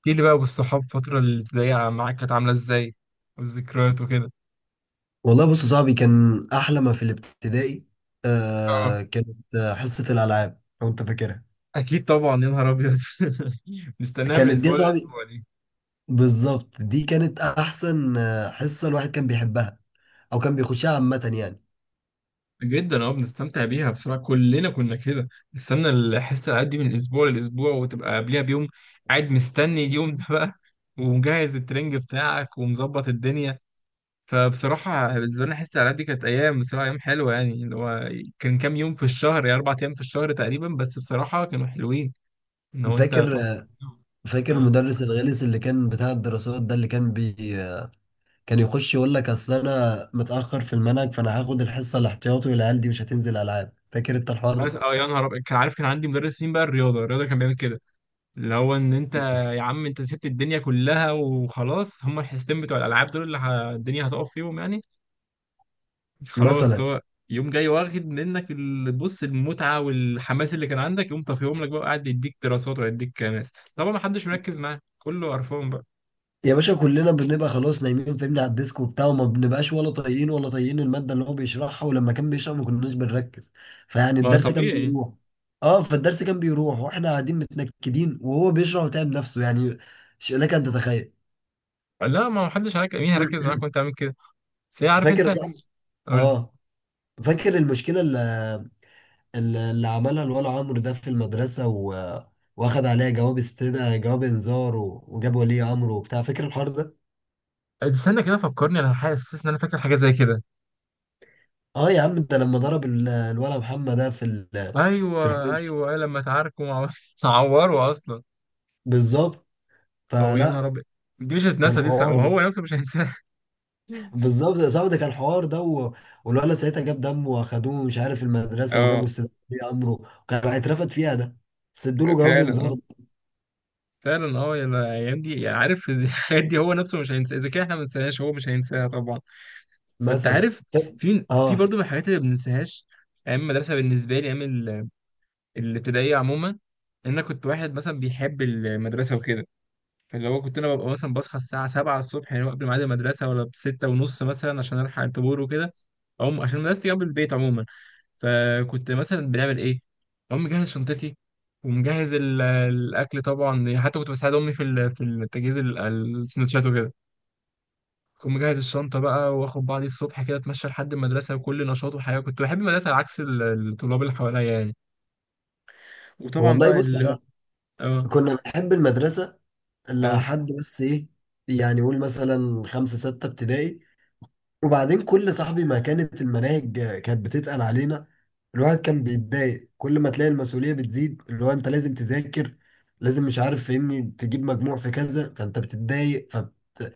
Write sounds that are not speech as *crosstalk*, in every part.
احكي لي بقى بالصحاب الفترة الابتدائية معاك كانت عاملة ازاي؟ والذكريات وكده. والله بص يا صاحبي كان احلى ما في الابتدائي. اه، كانت حصه الالعاب لو انت فاكرها. اكيد طبعا يا نهار ابيض *laughs* نستناها من كانت دي يا الأسبوع صاحبي، للأسبوع دي. بالظبط دي كانت احسن، حصه الواحد كان بيحبها او كان بيخشها عامه يعني. جدا، بنستمتع بيها بصراحة، كلنا كنا كده. نستنى الحصة الألعاب دي من الأسبوع للأسبوع، وتبقى قبلها بيوم قاعد مستني اليوم ده بقى *laughs* ومجهز الترنج بتاعك ومظبط الدنيا. فبصراحة بالنسبة لنا حصة الألعاب دي كانت أيام، بصراحة أيام حلوة يعني، اللي هو كان كام يوم في الشهر، يعني 4 أيام في الشهر تقريبا، بس بصراحة كانوا حلوين لو انت فاكر بتقعد تستناهم. فاكر اه. المدرس الغلس اللي كان بتاع الدراسات ده اللي كان بي كان يخش يقول لك اصل انا متاخر في المنهج فانا هاخد الحصه الاحتياطي والعيال دي مش هتنزل العاب. فاكر انت الحوار بس ده؟ يا نهار ابيض، كان عارف. كان عندي مدرس مين بقى؟ الرياضه كان بيعمل كده، اللي هو ان انت، يا عم انت سبت الدنيا كلها وخلاص، هم الحصتين بتوع الالعاب دول اللي الدنيا هتقف فيهم يعني. خلاص مثلا اللي هو يوم جاي واخد منك بص، المتعه والحماس اللي كان عندك يقوم طافيهم لك بقى، قاعد يديك دراسات ويديك ماس، طبعا ما حدش مركز معاه، كله قرفان بقى. يا باشا كلنا بنبقى خلاص نايمين فاهمني على الديسك وبتاع، وما بنبقاش ولا طايقين المادة اللي هو بيشرحها، ولما كان بيشرح ما كناش بنركز فيعني ما الدرس كان طبيعي، بيروح. اه، فالدرس كان بيروح واحنا قاعدين متنكدين وهو بيشرح وتعب نفسه يعني. لك ان تتخيل. لا، ما حدش هيرك- مين هيركز معاك *clears throat* وانت عامل كده؟ بس هي عارف فاكر يا انت، صاحبي؟ اقول، اه، فاكر المشكلة اللي عملها الولا عمرو ده في المدرسة، واخد عليها جواب استدعاء، جواب انذار، وجاب ولي امره وبتاع. فاكر الحوار ده؟ استنى كده فكرني، انا حاسس ان انا فاكر حاجه زي كده. اه يا عم ده لما ضرب الولا محمد ده في في ايوه الحوش. ايوه، لما اتعاركوا مع بعض *laughs* اتعوروا اصلا. بالظبط. او يا نهار فلا ابيض، دي مش كان هتنسى دي، حوار ده. وهو نفسه مش هينساها *laughs* بالظبط يا صاحبي ده كان حوار ده والولا ساعتها جاب دمه واخدوه مش عارف المدرسه وجابوا اه استاذ ولي امره، وكان هيترفد فيها ده، بس ادوا له جواب فعلا، اه انذار. فعلا. اه يا الايام دي، عارف *laughs* الحاجات دي هو نفسه مش هينساها، اذا كان احنا ما ننساهاش هو مش هينساها طبعا. فانت مثلا عارف، في اه برضه من الحاجات اللي ما بننساهاش، ايام المدرسه بالنسبه لي، ايام الابتدائيه عموما، ان انا كنت واحد مثلا بيحب المدرسه وكده. اللي هو كنت انا ببقى مثلا بصحى الساعه 7 الصبح يعني، قبل ميعاد المدرسه، ولا بستة ونص مثلا، عشان الحق الطابور وكده. أقوم عشان مدرستي جنب البيت عموما، فكنت مثلا بنعمل ايه؟ اقوم مجهز شنطتي، ومجهز الاكل طبعا يعني، حتى كنت بساعد امي في في تجهيز السندوتشات وكده. كنت مجهز الشنطه بقى، واخد بعضي الصبح كده، اتمشى لحد المدرسه، وكل نشاط وحياه، كنت بحب المدرسه على عكس الطلاب اللي حواليا يعني. وطبعا والله بقى بص، اللي، احنا اه كنا بنحب المدرسه اه لحد بس ايه، يعني قول مثلا خمسه سته ابتدائي، وبعدين كل صاحبي ما كانت المناهج كانت بتتقل علينا، الواحد كان بيتضايق. كل ما تلاقي المسؤولية بتزيد اللي هو انت لازم تذاكر، لازم مش عارف فاهمني تجيب مجموع في كذا، فانت بتتضايق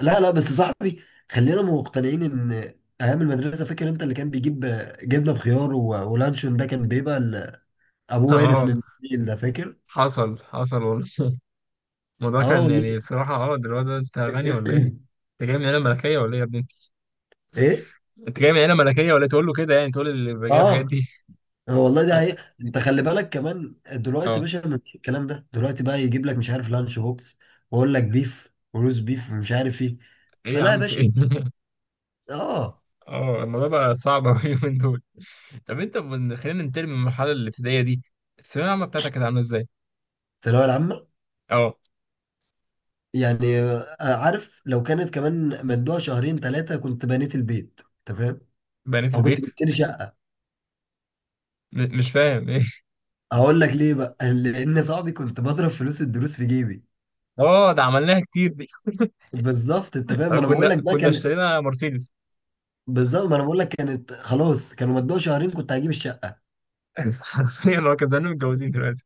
لا بس صاحبي، خلينا مقتنعين ان ايام المدرسة. فاكر انت اللي كان بيجيب جبنة بخيار ولانشون؟ ده كان بيبقى *laughs* ابوه وارث اه من الجيل ده، فاكر؟ حصل حصل والله. الموضوع اه كان والله. يعني بصراحة، ده الواد ده انت غني ولا ايه؟ *clears throat* انت جاي من عيلة ملكية ولا ايه يا ابني انت؟ ايه. انت جاي من عيلة ملكية ولا ايه؟ تقول له كده يعني، تقول اللي بيبقى جايب الحاجات اه، دي هو والله *laughs* ده اه، حقيقة. انت خلي بالك كمان دلوقتي يا اه، باشا، مفيش الكلام ده دلوقتي بقى، يجيب لك مش عارف لانش بوكس، واقول لك بيف وروز بيف ومش عارف ايه. ايه يا فلا يا عم؟ في باشا ايه؟ الناس- *laughs* اه. اه، الموضوع بقى صعب اوي اليومين دول. طب انت خلينا ننتقل من المرحلة الابتدائية دي، الثانوية العامة بتاعتك كانت عاملة ازاي؟ الثانوية العامة، اه. يعني عارف لو كانت كمان مدوها شهرين ثلاثة كنت بنيت البيت. انت فاهم؟ بنيت او كنت البيت، جبت لي شقة. مش فاهم *laughs* ايه؟ اقول لك ليه بقى *laughs* لان صاحبي كنت بضرب فلوس الدروس في جيبي. اه، ده عملناها كتير دي بالظبط، انت فاهم؟ ما *laughs* انا بقول كنا لك بقى كنا كان. اشترينا مرسيدس بالظبط ما انا بقول لك، كانت خلاص كانوا مدوها شهرين كنت هجيب الشقة. *laughs* حرفيا، هو كان زمان متجوزين دلوقتي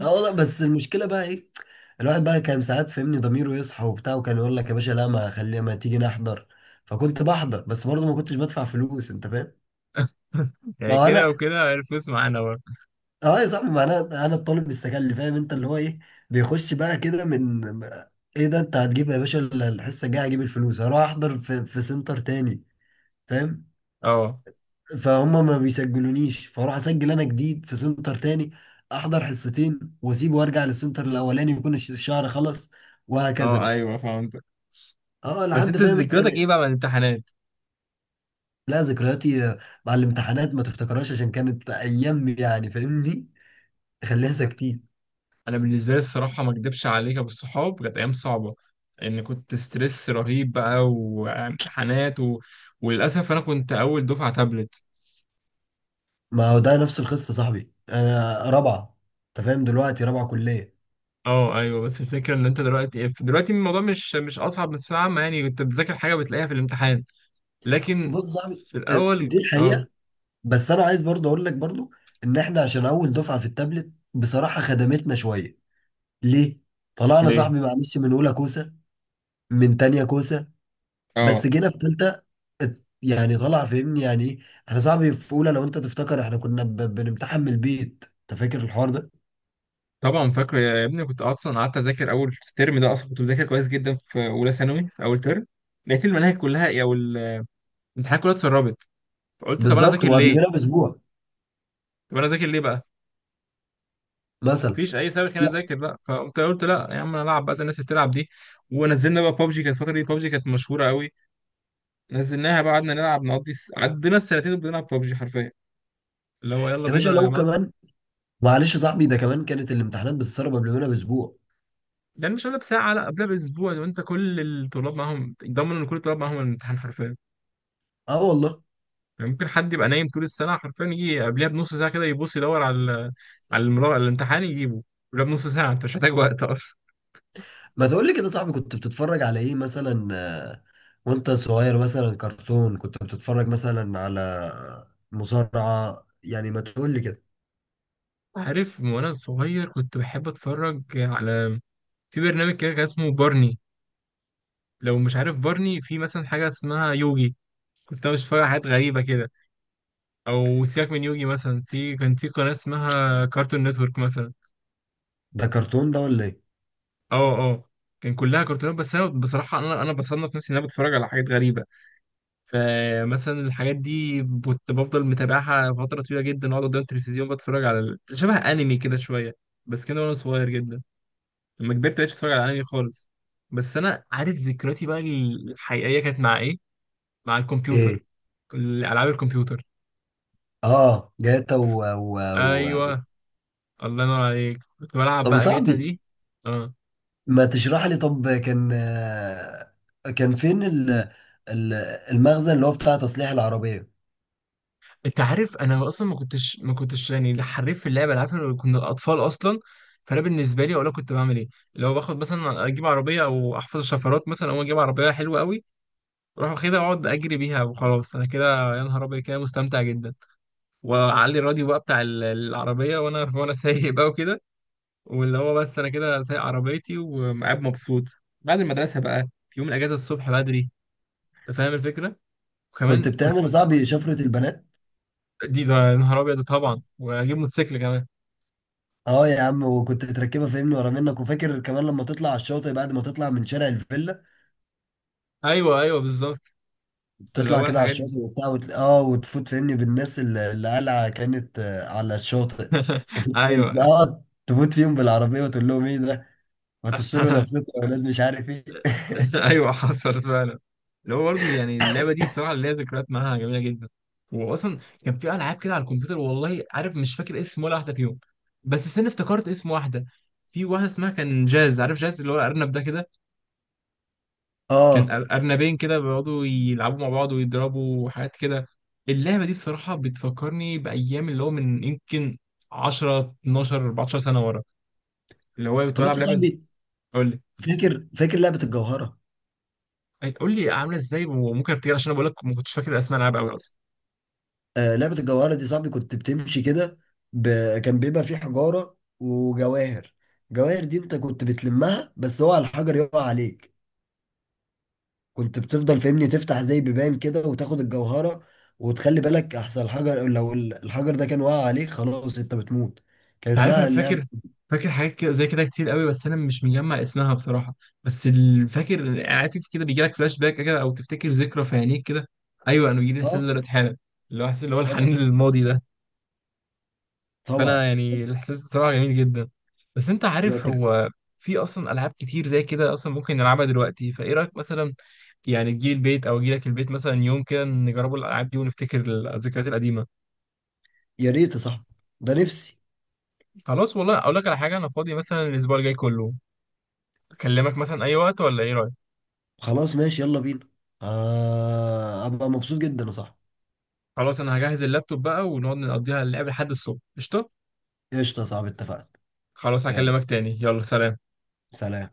اه والله، بس المشكلة بقى ايه؟ الواحد بقى كان ساعات فهمني ضميره يصحى وبتاع، وكان يقول لك يا باشا لا، ما خلي ما تيجي نحضر. فكنت بحضر بس برضه ما كنتش بدفع فلوس، انت فاهم؟ *laughs* ما يعني هو كده انا. وكده الفلوس معانا برضه. اه يا صاحبي، ما انا الطالب السكلي، فاهم انت اللي هو ايه، بيخش بقى كده من، ايه ده انت هتجيب يا باشا؟ الحصه الجايه هجيب الفلوس هروح احضر في سنتر تاني، فاهم؟ اه، فهم ما بيسجلونيش، فاروح اسجل انا جديد في سنتر تاني، احضر حصتين واسيب وارجع للسنتر الاولاني يكون الشهر خلص، وهكذا اه، بقى. ايوه فهمت. اه بس لحد انت فاهم انت. ذكرياتك ايه بقى من الامتحانات؟ لا، ذكرياتي مع الامتحانات ما تفتكرهاش، عشان كانت ايام يعني فاهمني، خليها ساكتين. انا بالنسبه لي الصراحه ما اكدبش عليك يا ابو الصحاب، كانت ايام صعبه، ان كنت ستريس رهيب بقى، وامتحانات، و... وللاسف انا كنت اول دفعه تابلت. ما هو ده نفس القصه صاحبي، انا رابعه. انت فاهم دلوقتي؟ رابعه كليه. اه ايوه، بس الفكره ان انت دلوقتي الموضوع مش اصعب، بس عامه يعني كنت بتذاكر حاجه بتلاقيها في الامتحان، لكن بص صاحبي، في الاول. دي اه، الحقيقه. بس انا عايز برضه اقول لك برضه ان احنا عشان اول دفعه في التابلت بصراحه خدمتنا شويه. ليه؟ طلعنا ليه، صاحبي معلش من اولى كوسه، من تانية كوسه، بس اه جينا في تالتة يعني طلع فاهمني يعني ايه، احنا صاحبي في اولى لو انت تفتكر احنا كنا بنمتحن من البيت، انت فاكر الحوار ده؟ طبعا فاكره يا ابني. كنت اصلا قعدت اذاكر اول ترم ده اصلا، كنت بذاكر كويس جدا في اولى ثانوي في اول ترم، لقيت المناهج كلها، او الامتحانات كلها اتسربت، فقلت طب انا بالظبط، اذاكر وقبل منها ليه؟ باسبوع طب انا اذاكر ليه بقى؟ مثلا. مفيش اي سبب خليني لا اذاكر بقى، فقمت قلت لا يا عم، انا العب بقى زي الناس اللي بتلعب دي. ونزلنا بقى بابجي، كانت الفتره دي بابجي كانت مشهوره قوي، نزلناها بقى، قعدنا نلعب، نقضي، عدينا السنتين بنلعب بابجي حرفيا، اللي هو يلا يا باشا بينا يا لو جماعه. كمان، معلش يا صاحبي، ده كمان كانت الامتحانات بتتسرب قبل منها باسبوع. يعني مش قبلها بساعه، لا، قبلها باسبوع، لو انت كل الطلاب معاهم، ضمن ان كل الطلاب معاهم الامتحان حرفيا. اه والله. يعني ممكن حد يبقى نايم طول السنه حرفيا، يجي قبلها بنص ساعه كده، يبص يدور على على المراقب، الامتحان يجيبه قبلها بنص ساعه، انت مش محتاج وقت اصلا. ما تقول لي كده يا صاحبي، كنت بتتفرج على ايه مثلا وانت صغير؟ مثلا كرتون كنت بتتفرج مثلا على مصارعة يعني؟ ما تقول لي كده. عارف، من وانا صغير كنت بحب اتفرج على، في برنامج كده كان اسمه بارني، لو مش عارف بارني، في مثلا حاجه اسمها يوجي، كنت انا مش فاهم حاجات غريبه كده. او سيبك من يوجي مثلا، في كان في قناه اسمها كارتون نتورك مثلا. ده كرتون ده ولا ايه؟ اه، اه، كان كلها كرتونات. بس انا بصراحه، انا بصنف نفسي ان انا بتفرج على حاجات غريبه، فمثلا الحاجات دي كنت بفضل متابعها فتره طويله جدا، اقعد قدام التلفزيون بتفرج على شبه انمي كده شويه، بس كده وانا صغير جدا. لما كبرت مبقتش اتفرج على انمي خالص، بس انا عارف ذكرياتي بقى الحقيقيه كانت مع ايه، مع الكمبيوتر، ايه؟ العاب الكمبيوتر. اه، جاتا و... ايوه. الله ينور عليك، كنت بلعب طب يا بقى جاتا صاحبي، دي. اه، ما تشرح لي، طب كان، كان فين ال- المخزن اللي هو بتاع تصليح العربية؟ انت عارف انا اصلا ما كنتش يعني لا حريف في اللعبه، العارف إن كنا الاطفال اصلا. فانا بالنسبه لي اقول لك كنت بعمل ايه، لو باخد مثلا، اجيب عربيه، او احفظ الشفرات مثلا، او اجيب عربيه حلوه قوي، اروح واخدها اقعد اجري بيها وخلاص، انا كده يا نهار ابيض كده مستمتع جدا. واعلي الراديو بقى بتاع العربيه، وانا سايق بقى وكده، واللي هو بس انا كده سايق عربيتي وقاعد مبسوط، بعد المدرسه بقى، في يوم الاجازه الصبح بدري، انت فاهم الفكره. كنت وكمان كنا بتعمل يا مثلا، صاحبي شفرة البنات؟ ده يا نهار ابيض طبعا، واجيب موتوسيكل كمان. اه يا عم، وكنت تركبها فاهمني ورا منك. وفاكر كمان لما تطلع على الشاطئ بعد ما تطلع من شارع الفيلا، ايوه ايوه، بالظبط اللي تطلع هو كده على الحاجات دي الشاطئ وبتاع، اه، وتفوت فاهمني بالناس اللي قلعة كانت على الشاطئ، *laughs* تفوت ايوه فيهم، اه تفوت فيهم بالعربية وتقول لهم ايه ده، ما تصروا *laughs* نفسكم يا ولاد مش عارف ايه. *laughs* ايوه حصل فعلا، اللي هو برضه يعني اللعبه دي بصراحه ليها ذكريات معاها جميله جدا. واصلا كان في العاب كده على الكمبيوتر، والله عارف مش فاكر اسم ولا واحده فيهم. بس استنى، افتكرت اسم واحده، في واحده اسمها كان جاز، عارف جاز اللي هو الارنب ده كده؟ *laughs* كان اه، ارنبين كده بيقعدوا يلعبوا مع بعض ويضربوا وحاجات كده. اللعبه دي بصراحه بتفكرني بايام، اللي هو من يمكن 10 12 14 سنه ورا، اللي هو كنت طب بلعب انت لعبه، صاحبي قول فاكر لعبة الجوهرة؟ لي قول لي عامله ازاي وممكن افتكر، عشان انا بقول لك ما كنتش فاكر اسماء العاب قوي اصلا. لعبة الجواهرة دي صاحبي كنت بتمشي كده، ب... كان بيبقى في حجارة وجواهر. جواهر دي انت كنت بتلمها بس هو على الحجر يقع عليك، كنت بتفضل فاهمني تفتح زي بيبان كده وتاخد الجوهرة، وتخلي بالك احسن الحجر، لو الحجر ده كان واقع عليك خلاص انت بتموت. كان انت عارف انا اسمها اللعبة. فاكر، فاكر حاجات كده زي كده كتير قوي، بس انا مش مجمع اسمها بصراحه. بس فاكر عارف كده بيجي لك فلاش باك كده، او تفتكر ذكرى في عينيك كده؟ ايوه، انا بيجي لي الاحساس ده اه، دلوقتي حالا، اللي هو احساس اللي هو طبعا، الحنين للماضي ده. فانا طبعا. يعني الاحساس بصراحه جميل جدا. بس انت ده عارف، انت- هو في اصلا العاب كتير زي كده اصلا ممكن نلعبها دلوقتي، فايه رايك مثلا يعني، تجي البيت او اجي لك البيت مثلا يوم كده، نجربوا الالعاب دي ونفتكر الذكريات القديمه. يا ريت يا صاحبي، ده نفسي. خلاص، والله اقول لك على حاجه، انا فاضي مثلا الاسبوع الجاي كله، اكلمك مثلا اي وقت، ولا ايه رايك؟ خلاص ماشي يلا بينا. ابقى مبسوط جدا يا صاحبي. خلاص، انا هجهز اللابتوب بقى، ونقعد نقضيها اللعب لحد الصبح. قشطه، قشطة يا صاحبي، اتفقنا. خلاص، يلا هكلمك تاني. يلا سلام. سلام.